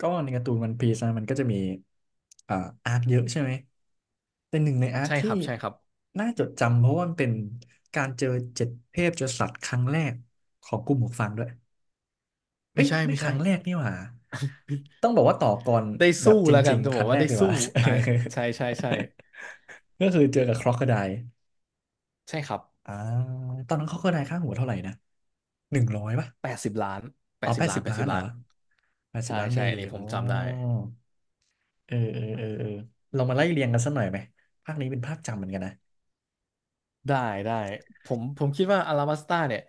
ก็ในการ์ตูนวันพีซนะมันก็จะมีอ่าอาร์คเยอะใช่ไหมแป็นหนึ่งในอาร์คใช่คที่รับใช่ครับน่าจดจำเพราะว่ามันเป็นการเจอ7เทพจสัตว์ครั้งแรกของกลุ่มหมวกฟางด้วยเอ้ไม่ยใช่ไม่ไม่คใช่รั้งแรกนี่หว่าต้องบอกว่าต่อก่อนได้แบสู้บจแล้วกัรินงจะๆคบอกรั้งแรว่ากได้เลยสู้ว่ะ อ่าใช่ใช่ใช่ ก็คือเจอกับคร o อกโคได e ใช่ครับอ่าตอนนั้นคร o อกโคได e ค่าหัวเท่าไหร่นะ100ป่ะแปดสิบล้านแปเอาดสิแปบดล้าสินบแปดล้าสินบเหรอล้านแปดสิใช่บล้านเบใช่อัลีนนี้ผโอ้ มจำได้เออเออเออเออเรามาไล่เรียงกันสักหน่อยไหมภาคนี้เป็นภาคจำเหมือนกันนะได้ได้ผมคิดว่าอาราบัสตาเนี่ย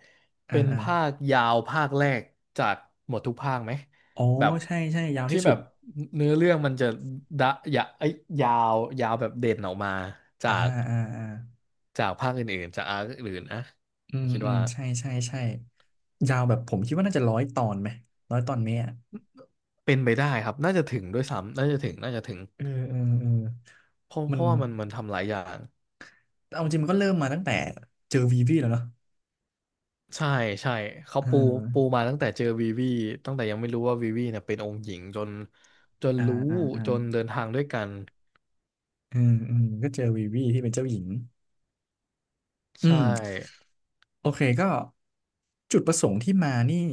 อ่าเป็นอ่าภาคยาวภาคแรกจากหมดทุกภาคไหมอ๋อแบบใช่ใช่ยาวที่ที่สุแบดบเนื้อเรื่องมันจะดะยะเอ้ยยาวยาวแบบเด่นออกมาจาอ่ากอ่าอ่าจากภาคอื่นๆจากอาร์คอื่นๆนะอืผมมคิดอืมว่า ใช่ใช่ใช่ยาวแบบผมคิดว่าน่าจะร้อยตอนไหมร้อยตอนไหมอ่ะเป็นไปได้ครับน่าจะถึงด้วยซ้ำน่าจะถึงน่าจะถึงเออเออเออเพราะเพมันราะว่ามันทำหลายอย่างเอาจริงมันก็เริ่มมาตั้งแต่เจอวีวีแล้วเนาะใช่ใช่เขาเอปูปูอมาตั้งแต่เจอวีวีตั้งแต่ยังไม่รู้ว่าวีวีเนี่ยเป็นองค์หญิงจนอ่ารู้อ่าอ่าจนเดินทางด้วยกันอืมอืมก็เจอวีวีที่เป็นเจ้าหญิงอืใช่มโอเคก็จุดประสงค์ที่มานี่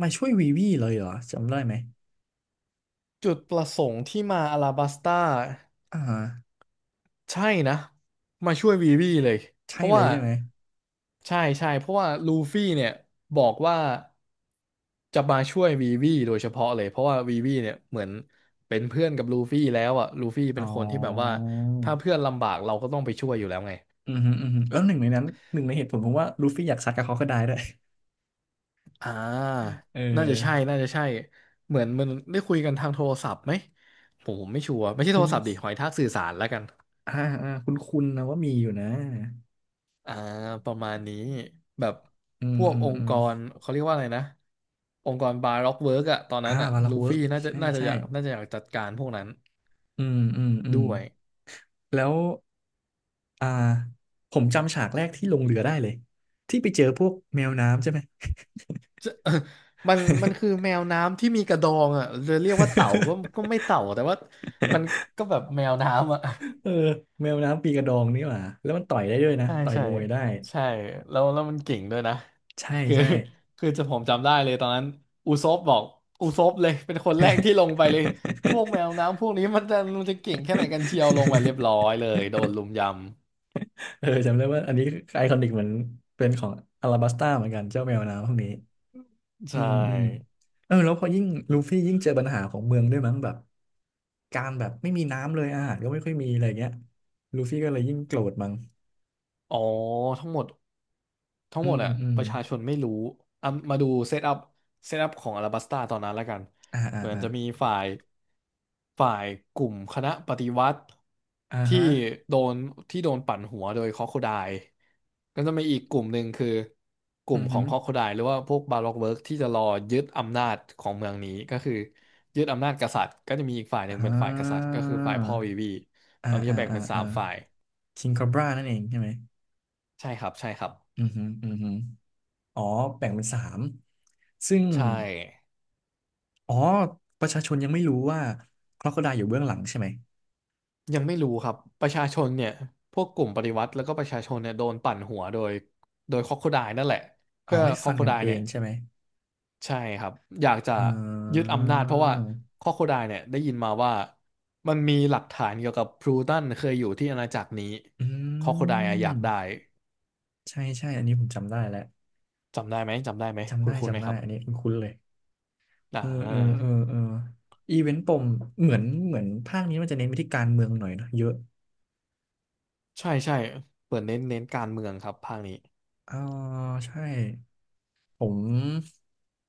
มาช่วยวีวีเลยเหรอจำได้ไหมจุดประสงค์ที่มาอาราบัสตา อ่า ใช่นะมาช่วยวีวีเลยเพใช่ราะเลยว่าใช่ไหมใช่ใช่เพราะว่าลูฟี่เนี่ยบอกว่าจะมาช่วยวีวีโดยเฉพาะเลยเพราะว่าวีวีเนี่ยเหมือนเป็นเพื่อนกับลูฟี่แล้วอ่ะลูฟี่อ๋เป็นคนที่แบบว่าอถ้าเพื่อนลำบากเราก็ต้องไปช่วยอยู่แล้วไงอือฮึอือฮึแล้วหนึ่งในนั้นหนึ่งในเหตุผลผมว่าลูฟี่อยากซัดกับเขาก็ได้ด้วย อ่า เอน่าจะใช่อน่าจะใช่เหมือนมันได้คุยกันทางโทรศัพท์ไหมผมไม่ชัวร์ไม่ใช่คุโทณรศัพท์ดิหอยทากสื่อสารแล้วกัน อ่าคุณคุณนะว่ามีอยู่นะ อ่าประมาณนี้แบบอืพมวกอืมองอืค์มกรเขาเรียกว่าอะไรนะองค์กรบาร็อกเวิร์กอะตอนอ่านั้นอะวาลักลูเวิร์ฟี่กน่าจะใช่น่าจะใช่อยากน่าจะอยากจัดการพวกนั้นอืมอืมอืมด้วยแล้ว อ่า ผมจำฉากแรกที่ลงเรือได้เลยที่ไปเจอพวกแมวน้ำใช่ไหม มันคือแมวน้ำที่มีกระดองอะจะเรียกว่าเต่าก็ไม่เต่าแต่ว่ามันก็แบบแมวน้ำอะ เออแมวน้ำปีกระดองนี่หว่าแล้วมันต่อยได้ด้วยนะใช่ต่อยใช่มวยได้ใช่แล้วมันเก่งด้วยนะใช่คือใช่ คือผมจำได้เลยตอนนั้นอูซบบอกอูซบเลยเป็นคนแรกที่ลงไปเลยพวกแมว น้ำพวกนี้มันจะเก่งแค่ไหนกันเชียวลงไปเรียบร้อยเลยโดนลุมยเออจำได้ว่าอันนี้ไอคอนิกเหมือนเป็นของอลาบัสต้าเหมือนกันเจ้าแมวน้ำพวกนี้ำใชอืมอืม่เออแล้วพอยิ่งลูฟี่ยิ่งเจอปัญหาของเมืองด้วยมั้งแบบการแบบไม่มีน้ำเลยอาหารก็ไม่ค่อยมีอะไรเงี้ยลูฟี่ก็เลยยิ่งโกรธมั้งอ๋อทั้งหมด ทั้งอืหมดมอะอืมประชาชนไม่รู้อ่ะมาดูเซตอัพเซตอัพของอลาบัสตาตอนนั้นแล้วกันอ่าอ่าเหมือนอ่าจะมีฝ่ายฝ่ายกลุ่มคณะปฏิวัติอ่าที่ฮะโดนที่โดนปั่นหัวโดยคอคโคไดล์ก็จะมีอีกกลุ่มหนึ่งคือกลุ่อืมอขอฮืงอคอคโคไดล์หรือว่าพวกบาร็อกเวิร์กที่จะรอยึดอำนาจของเมืองนี้ก็คือยึดอำนาจกษัตริย์ก็จะมีอีกฝ่ายหนึ่งอ่เป็นฝ่ายกษัตริย์าก็คือฝ่ายพ่อวีวีอ่าตอนนี้อ่าจะแบ่งอ่าเป็นสาอ่ามฝ่ายคิงคอบรานั่นเองใช่ไหมใช่ครับใช่ครับอือฮือือฮืออ๋อแบ่งเป็นสามซึ่ง ใช่ อ๋อประชาชนยังไม่รู้ว่าค o อ o ได l e อยู่เบื้องหลังใช่ไหมยังไม่รู้ครับประชาชนเนี่ยพวกกลุ่มปฏิวัติแล้วก็ประชาชนเนี่ยโดนปั่นหัวโดยคอกโคไดนั่นแหละเอาเพื่อให้คอฟักนโคกันไดเอเนี่ยงใช่ไหมใช่ครับอยากจะเอยึดออำนาจเพราะว่าคอกโคไดเนี่ยได้ยินมาว่ามันมีหลักฐานเกี่ยวกับพลูตันเคยอยู่ที่อาณาจักรนี้อืคอกโคไดอะอยากได้มใช่ใช่อันนี้ผมจำได้แล้วจำได้ไหมจำได้ไหมจำคุได้ณคุณไหมจำได้ครัอันนี้บคุ้นๆเลยอ่เออเออเอาอเอออีเวนต์ปมเหมือนภาคนี้มันจะเน้นไปที่การเมืองหน่อยเนอะเยอะใช่ใช่เปิดเน้นการเมืองครับภาคนี้อ๋อใช่ผม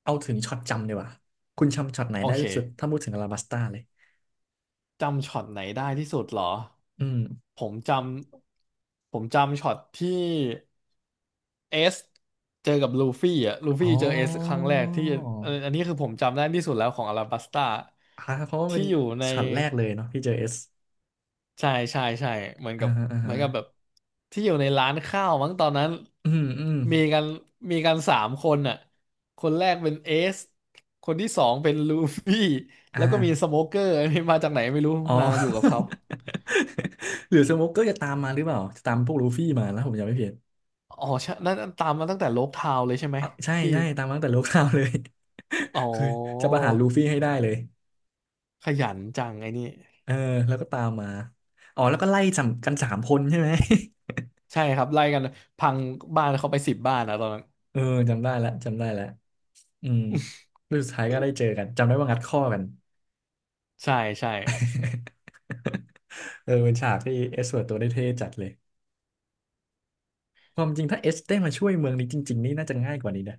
เอาถึงช็อตจำดีกว่าคุณจำช็อตไหนโอได้เค ที่สุดถ้าพูดถึงอลาบัสตาเลยจำช็อตไหนได้ที่สุดเหรอ อืมผมจำ ผมจำช็อตที่เอสเจอกับลูฟี่อ่ะลูฟี่อ๋อ เจอเอสครั้งแรกที่อันนี้คือผมจำได้ที่สุดแล้วของอาราบัสตาอ่าเพราะว่าเป็ที่นอยู่ในช็อตแรกเลยเนาะที่เจอเอสใช่ใช่ใช่เหมือนอ่ากับฮะอ่าเหมืฮะอนกับแบบที่อยู่ในร้านข้าวมั้งตอนนั้นอืมอืมมีกันมีกันสามคนอ่ะคนแรกเป็นเอสคนที่สองเป็นลูฟี่อแล้วก็มีส่าโมเกอร์อันนี้มาจากไหนไม่รู้อ๋อ มาอยู่กับเขา หรือสโมกเกอร์จะตามมาหรือเปล่าจะตามพวกลูฟี่มาแล้วผมจำไม่ผิดอ๋อใช่นั่นตามมาตั้งแต่โลกทาวน์เลยใช่ไหมอ่ะใช่ที่ใช่ตามมาตั้งแต่โลก ข่าวเลย อ๋อ คือจะประหารลูฟี่ให้ได้เลยขยันจังไอ้นี่เออแล้วก็ตามมาอ๋อแล้วก็ไล่จับกันสามคนใช่ไหม ใช่ครับไล่กันพังบ้านเขาไปสิบบ้านนะตอนนั้น เออจำได้แล้วจำได้แล้วอืมแล้วสุดท้ายก็ได้เจอกันจำได้ว่างัดข้อกัน ใช่ใช่ เออเป็นฉากที่เอสเวิร์ดตัวได้เท่จัดเลย ความจริงถ้าเอสได้มาช่วยเมืองนี้จริงๆนี่น่าจะง่ายกว่านี้นะ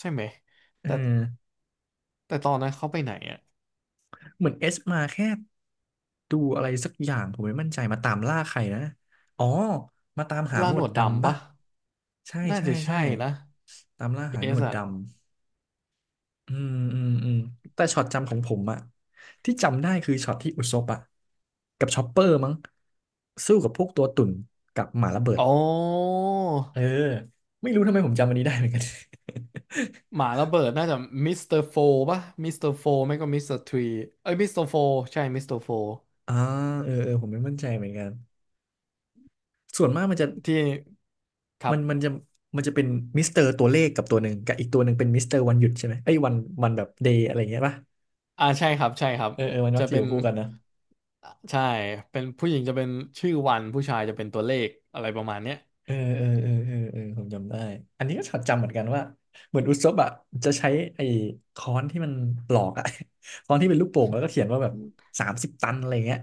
ใช่ไหมเอแต่อแต่ตอนนั้นเขาไปไหนอะเหมือนเอสมาแค่ดูอะไรสักอย่างผมไม่มั่นใจมาตามล่าใครนะ อ๋อ มาตามหาหล่านหนวดวดดำดำปะปะใช่น่าใช่จะใช่ใช่นะตามล่าหาเอหนสวดอะดำ อืมอืมอืมแต่ช็อตจำของผมอะที่จำได้คือช็อตที่อุซบอะกับชอปเปอร์มั้งสู้กับพวกตัวตุ่นกับหมาระเบิดอ๋อเออ ไม่รู้ทำไมผมจำอันนี้ได้เหมือนกัน หมาระเบิดน่าจะมิสเตอร์โฟปะมิสเตอร์โฟไม่ก็มิสเตอร์ทรีเอ้ยมิสเตอร์โฟใช่มิสเตอร์โฟ อ่าเออเออผมไม่มั่นใจเหมือนกันส่วนมากมันจะ ที่ครัมันมันบจะมันจะเป็นมิสเตอร์ตัวเลขกับตัวหนึ่งกับอีกตัวหนึ่งเป็นมิสเตอร์วันหยุดใช่ไหมไอ้ยวันวันแบบเดย์อะไรอย่างเงี้ยป่ะอ่าใช่ครับใช่ครับเออเออมันมัจะกจะอเป็ยู่น คู่กันนะใช่เป็นผู้หญิงจะเป็นชื่อวันผู้ชายจะเป็นตัวเลขอะไรประมาณเนี้ยเออเออเออเออเออผมจำได้อันนี้ก็จดจำเหมือนกันว่าเหมือนอุซบอะจะใช้ไอ้ค้อนที่มันปลอกอะ ค้อนที่เป็นลูกโป่งแล้วก็เขียนว่าแบบ30ตันอะไรเงี้ย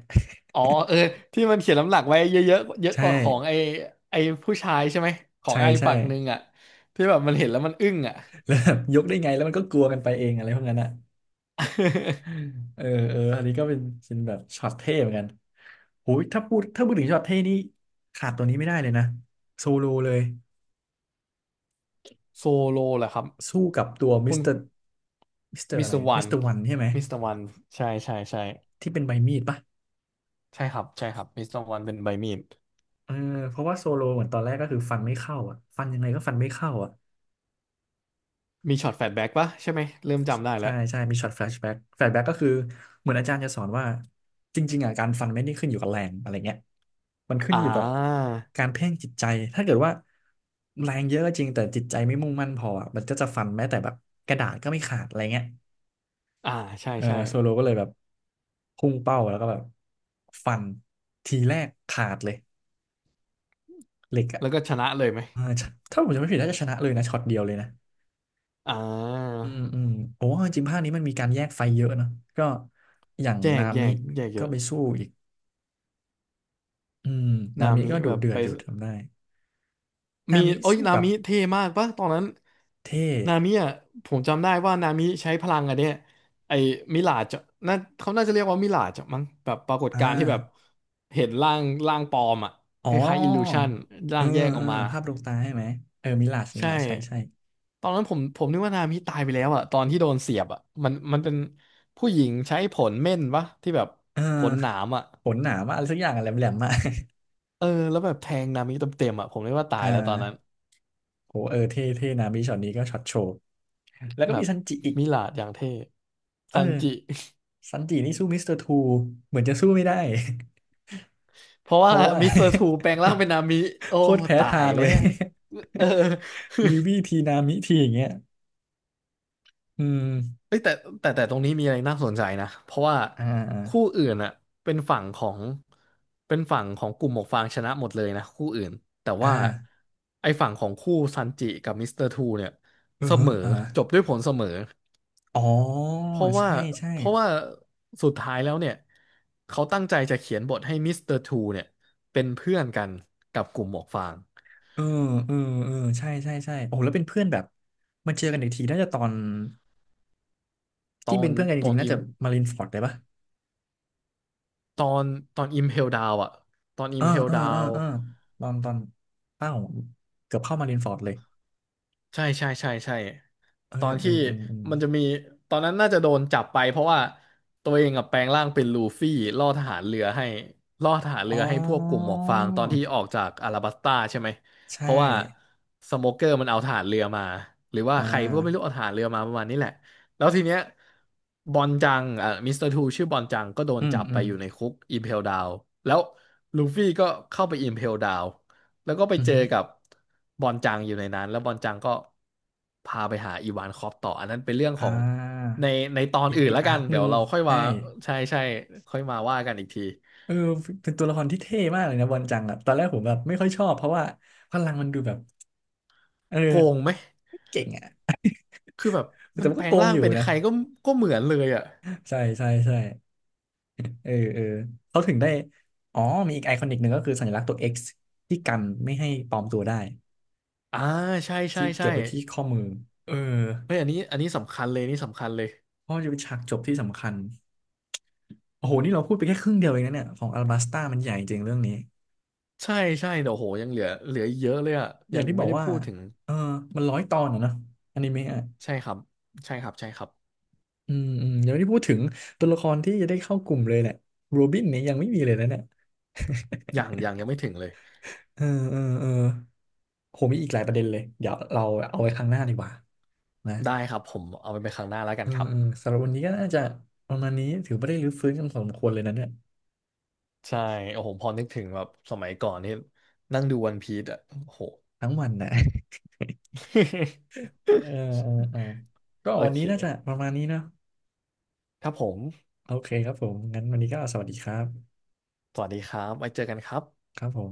อ๋อเออที่มันเขียนลำหลักไว้เยอะเยอะเยอะใช่กว่าของไอไอผู้ชายใช่ไหมของใช่ไอใช่ฝั่งหนึ่งอ่ะที่แบบมันเห็นแล้วมันอึ้งอ่ะ แล้วแบบยกได้ไงแล้วมันก็กลัวกันไปเองอะไรพวกนั้นอะ เออเอออันนี้ก็เป็นแบบช็อตเท่เหมือนกันโหยถ้าพูดถึงช็อตเท่นี่ขาดตัวนี้ไม่ได้เลยนะโซโลเลย โซโลเหรอครับสู้กับตัวมิคุสณเตอร์มิสเตอร์มิสอะไรเตอร์วัมินสเตอร์วันใช่ไหมมิสเตอร์วันใช่ใช่ใช่ที่เป็นใบมีดปะใช่ครับใช่ครับมิสเตอร์วันเป็นใบมีดเออเพราะว่าโซโลเหมือนตอนแรกก็คือฟันไม่เข้าอ่ะฟันยังไงก็ฟันไม่เข้าอ่ะ มีช็อตแฟลชแบ็กปะใช่ไหมเริ่มจำได้แล้ใช่วใช่ มีช็อตแฟลชแบ็กแฟลชแบ็กก็คือเหมือนอาจารย์จะสอนว่าจริงๆอ่ะการฟันไม่ได้ขึ้นอยู่กับแรงอะไรเงี้ยมันขึ้อ่นอยู่กับาการเพ่งจิตใจถ้าเกิดว่าแรงเยอะก็จริงแต่จิตใจไม่มุ่งมั่นพออ่ะมันก็จะฟันแม้แต่แบบกระดาษก็ไม่ขาดอะไรเงี้ยอ่าใช่เออใช่โซโลก็เลยแบบพุ่งเป้าแล้วก็แบบฟันทีแรกขาดเลยเหล็กอ่ะแล้วก็ชนะเลยไหมเออถ้าผมจำไม่ผิดน่าจะชนะเลยนะช็อตเดียวเลยนะ อ่าอืมอืมโอ้จริงๆภาคนี้มันมีการแยกไฟเยอะเนอะก็อย่างแยนากแยมิกแยกเยก็อะ ไปสู้อีกอืมนานามิมิก็ดุแบบเดือไปดอยู่ทำได้นามีมิโอ้ยสู้นากับมิเท่มากปะตอนนั้นเท่นามิอ่ะจำได้ว่านามิใช้พลังอะเนี่ยไอ้มิลาจน่าเขาน่าจะเรียกว่ามิลาจมั้งแบบปรากฏอ่าการณ์ที่แบบเห็นร่างปลอมอ่ะอ๋อคล้ายๆอิลลูชันเอร่าองแยกอเออกอมาภาพดวงตาใช่ไหมเออมิลาชมิใช่ลาชใช่ใช่ตอนนั้นผมนึกว่านามิตายไปแล้วอ่ะตอนที่โดนเสียบอ่ะมันเป็นผู้หญิงใช้ผลเม่นปะที่แบบเออผลหนามอ่ะขนหนามากอะไรสักอย่างอะแหลมแหลมมาก เออแล้วแบบแทงนามิเต็มๆอ่ะผมนึกว่า ตายอ่าแล้วตอนนั้น โหเออเท่เท่นามิช็อตนี้ก็ช็อตโชว์แล้วก็แบมีบซันจิอีกมิลาดอย่างเท่เอซันจิ อซันจินี่สู้มิสเตอร์ทูเหมือนจะสู้ไม่ได้ เพราะเพว่าราะว่า มิสเตอร์ทูแปลงร่างเป็นนามิโอ้โคตรแพ้ตาทายงแล้เลวย เออ วีวีทีนามิทีอย่างเงี้ยอืมเฮ้ยแต่ตรงนี้มีอะไรน่าสนใจนะเพราะว่าอ่คู่าอื่นอ่ะเป็นฝั่งของกลุ่มหมวกฟางชนะหมดเลยนะคู่อื่นแต่อ่าว่าไอ้ฝั่งของคู่ซันจิกับมิสเตอร์ทูเนี่ยเออเสมอเออจบด้วยผลเสมอ อ๋อเพราะว่าใช่ใช่เพราะว่าสุดท้ายแล้วเนี่ยเขาตั้งใจจะเขียนบทให้มิสเตอร์ทูเนี่ยเป็นเพื่อนกันกับกลุ่มหมวกฟางเออเออเออใช่ใช่ใช่โอ้แล้วเป็นเพื่อนแบบมันเจอกันอีกทีน่าจะตอนตอที่เป็นนเพื่อนกันจตอรินงๆน่าอิจะมมารินฟอร์ดเลยปะตอนตอนอิมเพลดาวอะตอนอิเออมเพลเออดาเออว เออตอนตอนเอ้าเกือบเข้ามารินฟอร์ดเลยใช่ใช่ใช่ใช่เออตอนเออที่เออเออมันจะมีตอนนั้นน่าจะโดนจับไปเพราะว่าตัวเองกับแปลงร่างเป็นลูฟี่ล่อทหารเรือให้ล่อทหารเรือ๋อให้พวกกลุ่มหอมวกฟางตอนที่ออกจากอาราบัสตาใช่ไหมเพใช่ราะว่าสโมเกอร์มันเอาทหารเรือมาหรือว่าอ่าใครก็ไม่รู้เอาทหารเรือมาประมาณนี้แหละแล้วทีเนี้ยบอนจังอ่ะมิสเตอร์ทูชื่อบอนจังก็โดอืนมจับอืไปมอยู่ในคุกอิมเพลดาวแล้วลูฟี่ก็เข้าไปอิมเพลดาว แล้วก็ไปอือเจอฮึกับบอนจังอยู่ในนั้นแล้วบอนจังก็พาไปหาอีวานคอปต่ออันนั้นเป็นเรื่องขอ่องา ในตอนอีกอื่นอีกแล้วกัอาร์นคหเดี๋นึ่ยวงเราค่อยใช่มาใช่ใช่ค่อยมาว่ากันอีกทีเออเป็นตัวละครที่เท่มากเลยนะบอนจังอะตอนแรกผมแบบไม่ค่อยชอบเพราะว่าพลังมันดูแบบเออโกงไหมไม่เก่งอะคือแบบมัแต่นมันแปก็ลโกงงร่างอยู่เป็นนะใครก็เหมือนเลยอ่ะใช่ใช่ใช่เออเออเขาถึงได้อ๋อมีอีกไอคอนิกหนึ่งก็คือสัญลักษณ์ตัว X ที่กันไม่ให้ปลอมตัวได้อ่าใช่ใช่ที่เก็ใช่บไว้ที่ข้อมือเออเฮ้ยอันนี้สำคัญเลยนี่สำคัญเลยเพราะมันจะเป็นฉากจบที่สำคัญโอ้โหนี่เราพูดไปแค่ครึ่งเดียวเองนะเนี่ยของอัลบาสตามันใหญ่จริงเรื่องนี้ใช่ใช่เดี๋ยวโหยังเหลืออีกเยอะเลยอ่ะอยัย่างงที่บไม่อกได้ว่าพูดถึงเออมันร้อยตอนอะเนอะอนิเมะอะ ใช่ครับใช่ครับใช่ครับอืมอืมเดี๋ยวนี้พูดถึงตัวละครที่จะได้เข้ากลุ่มเลยเนี่ยโรบินเนี่ยยังไม่มีเลยนะเนี่ยอย่างยังไม่ถึงเลยเออเออเออโหมีอีกหลายประเด็นเลยเดี๋ยวเราเอาไว้ครั้งหน้าดีกว่านะได้ครับผมเอาไปเป็นครั้งหน้าแล้วกัเอนอครัเออบ สำหรับวันนี้ก็น่าจะประมาณนี้ถือว่าได้รื้อฟื้นกันพอสมควรเลยนะเนี่ยใช่โอ้โหพอนึกถึงแบบสมัยก่อนนี่นั่งดูวันพีซอ่ะโอ้โห ทั้งวันนะ เออ เออเออก็โอวันเคนี้น่าจะประมาณนี้เนาะครับผม โอเคครับผมงั้นวันนี้ก็สวัสดีครับสวัสดีครับไว้เจอกันครับครับผม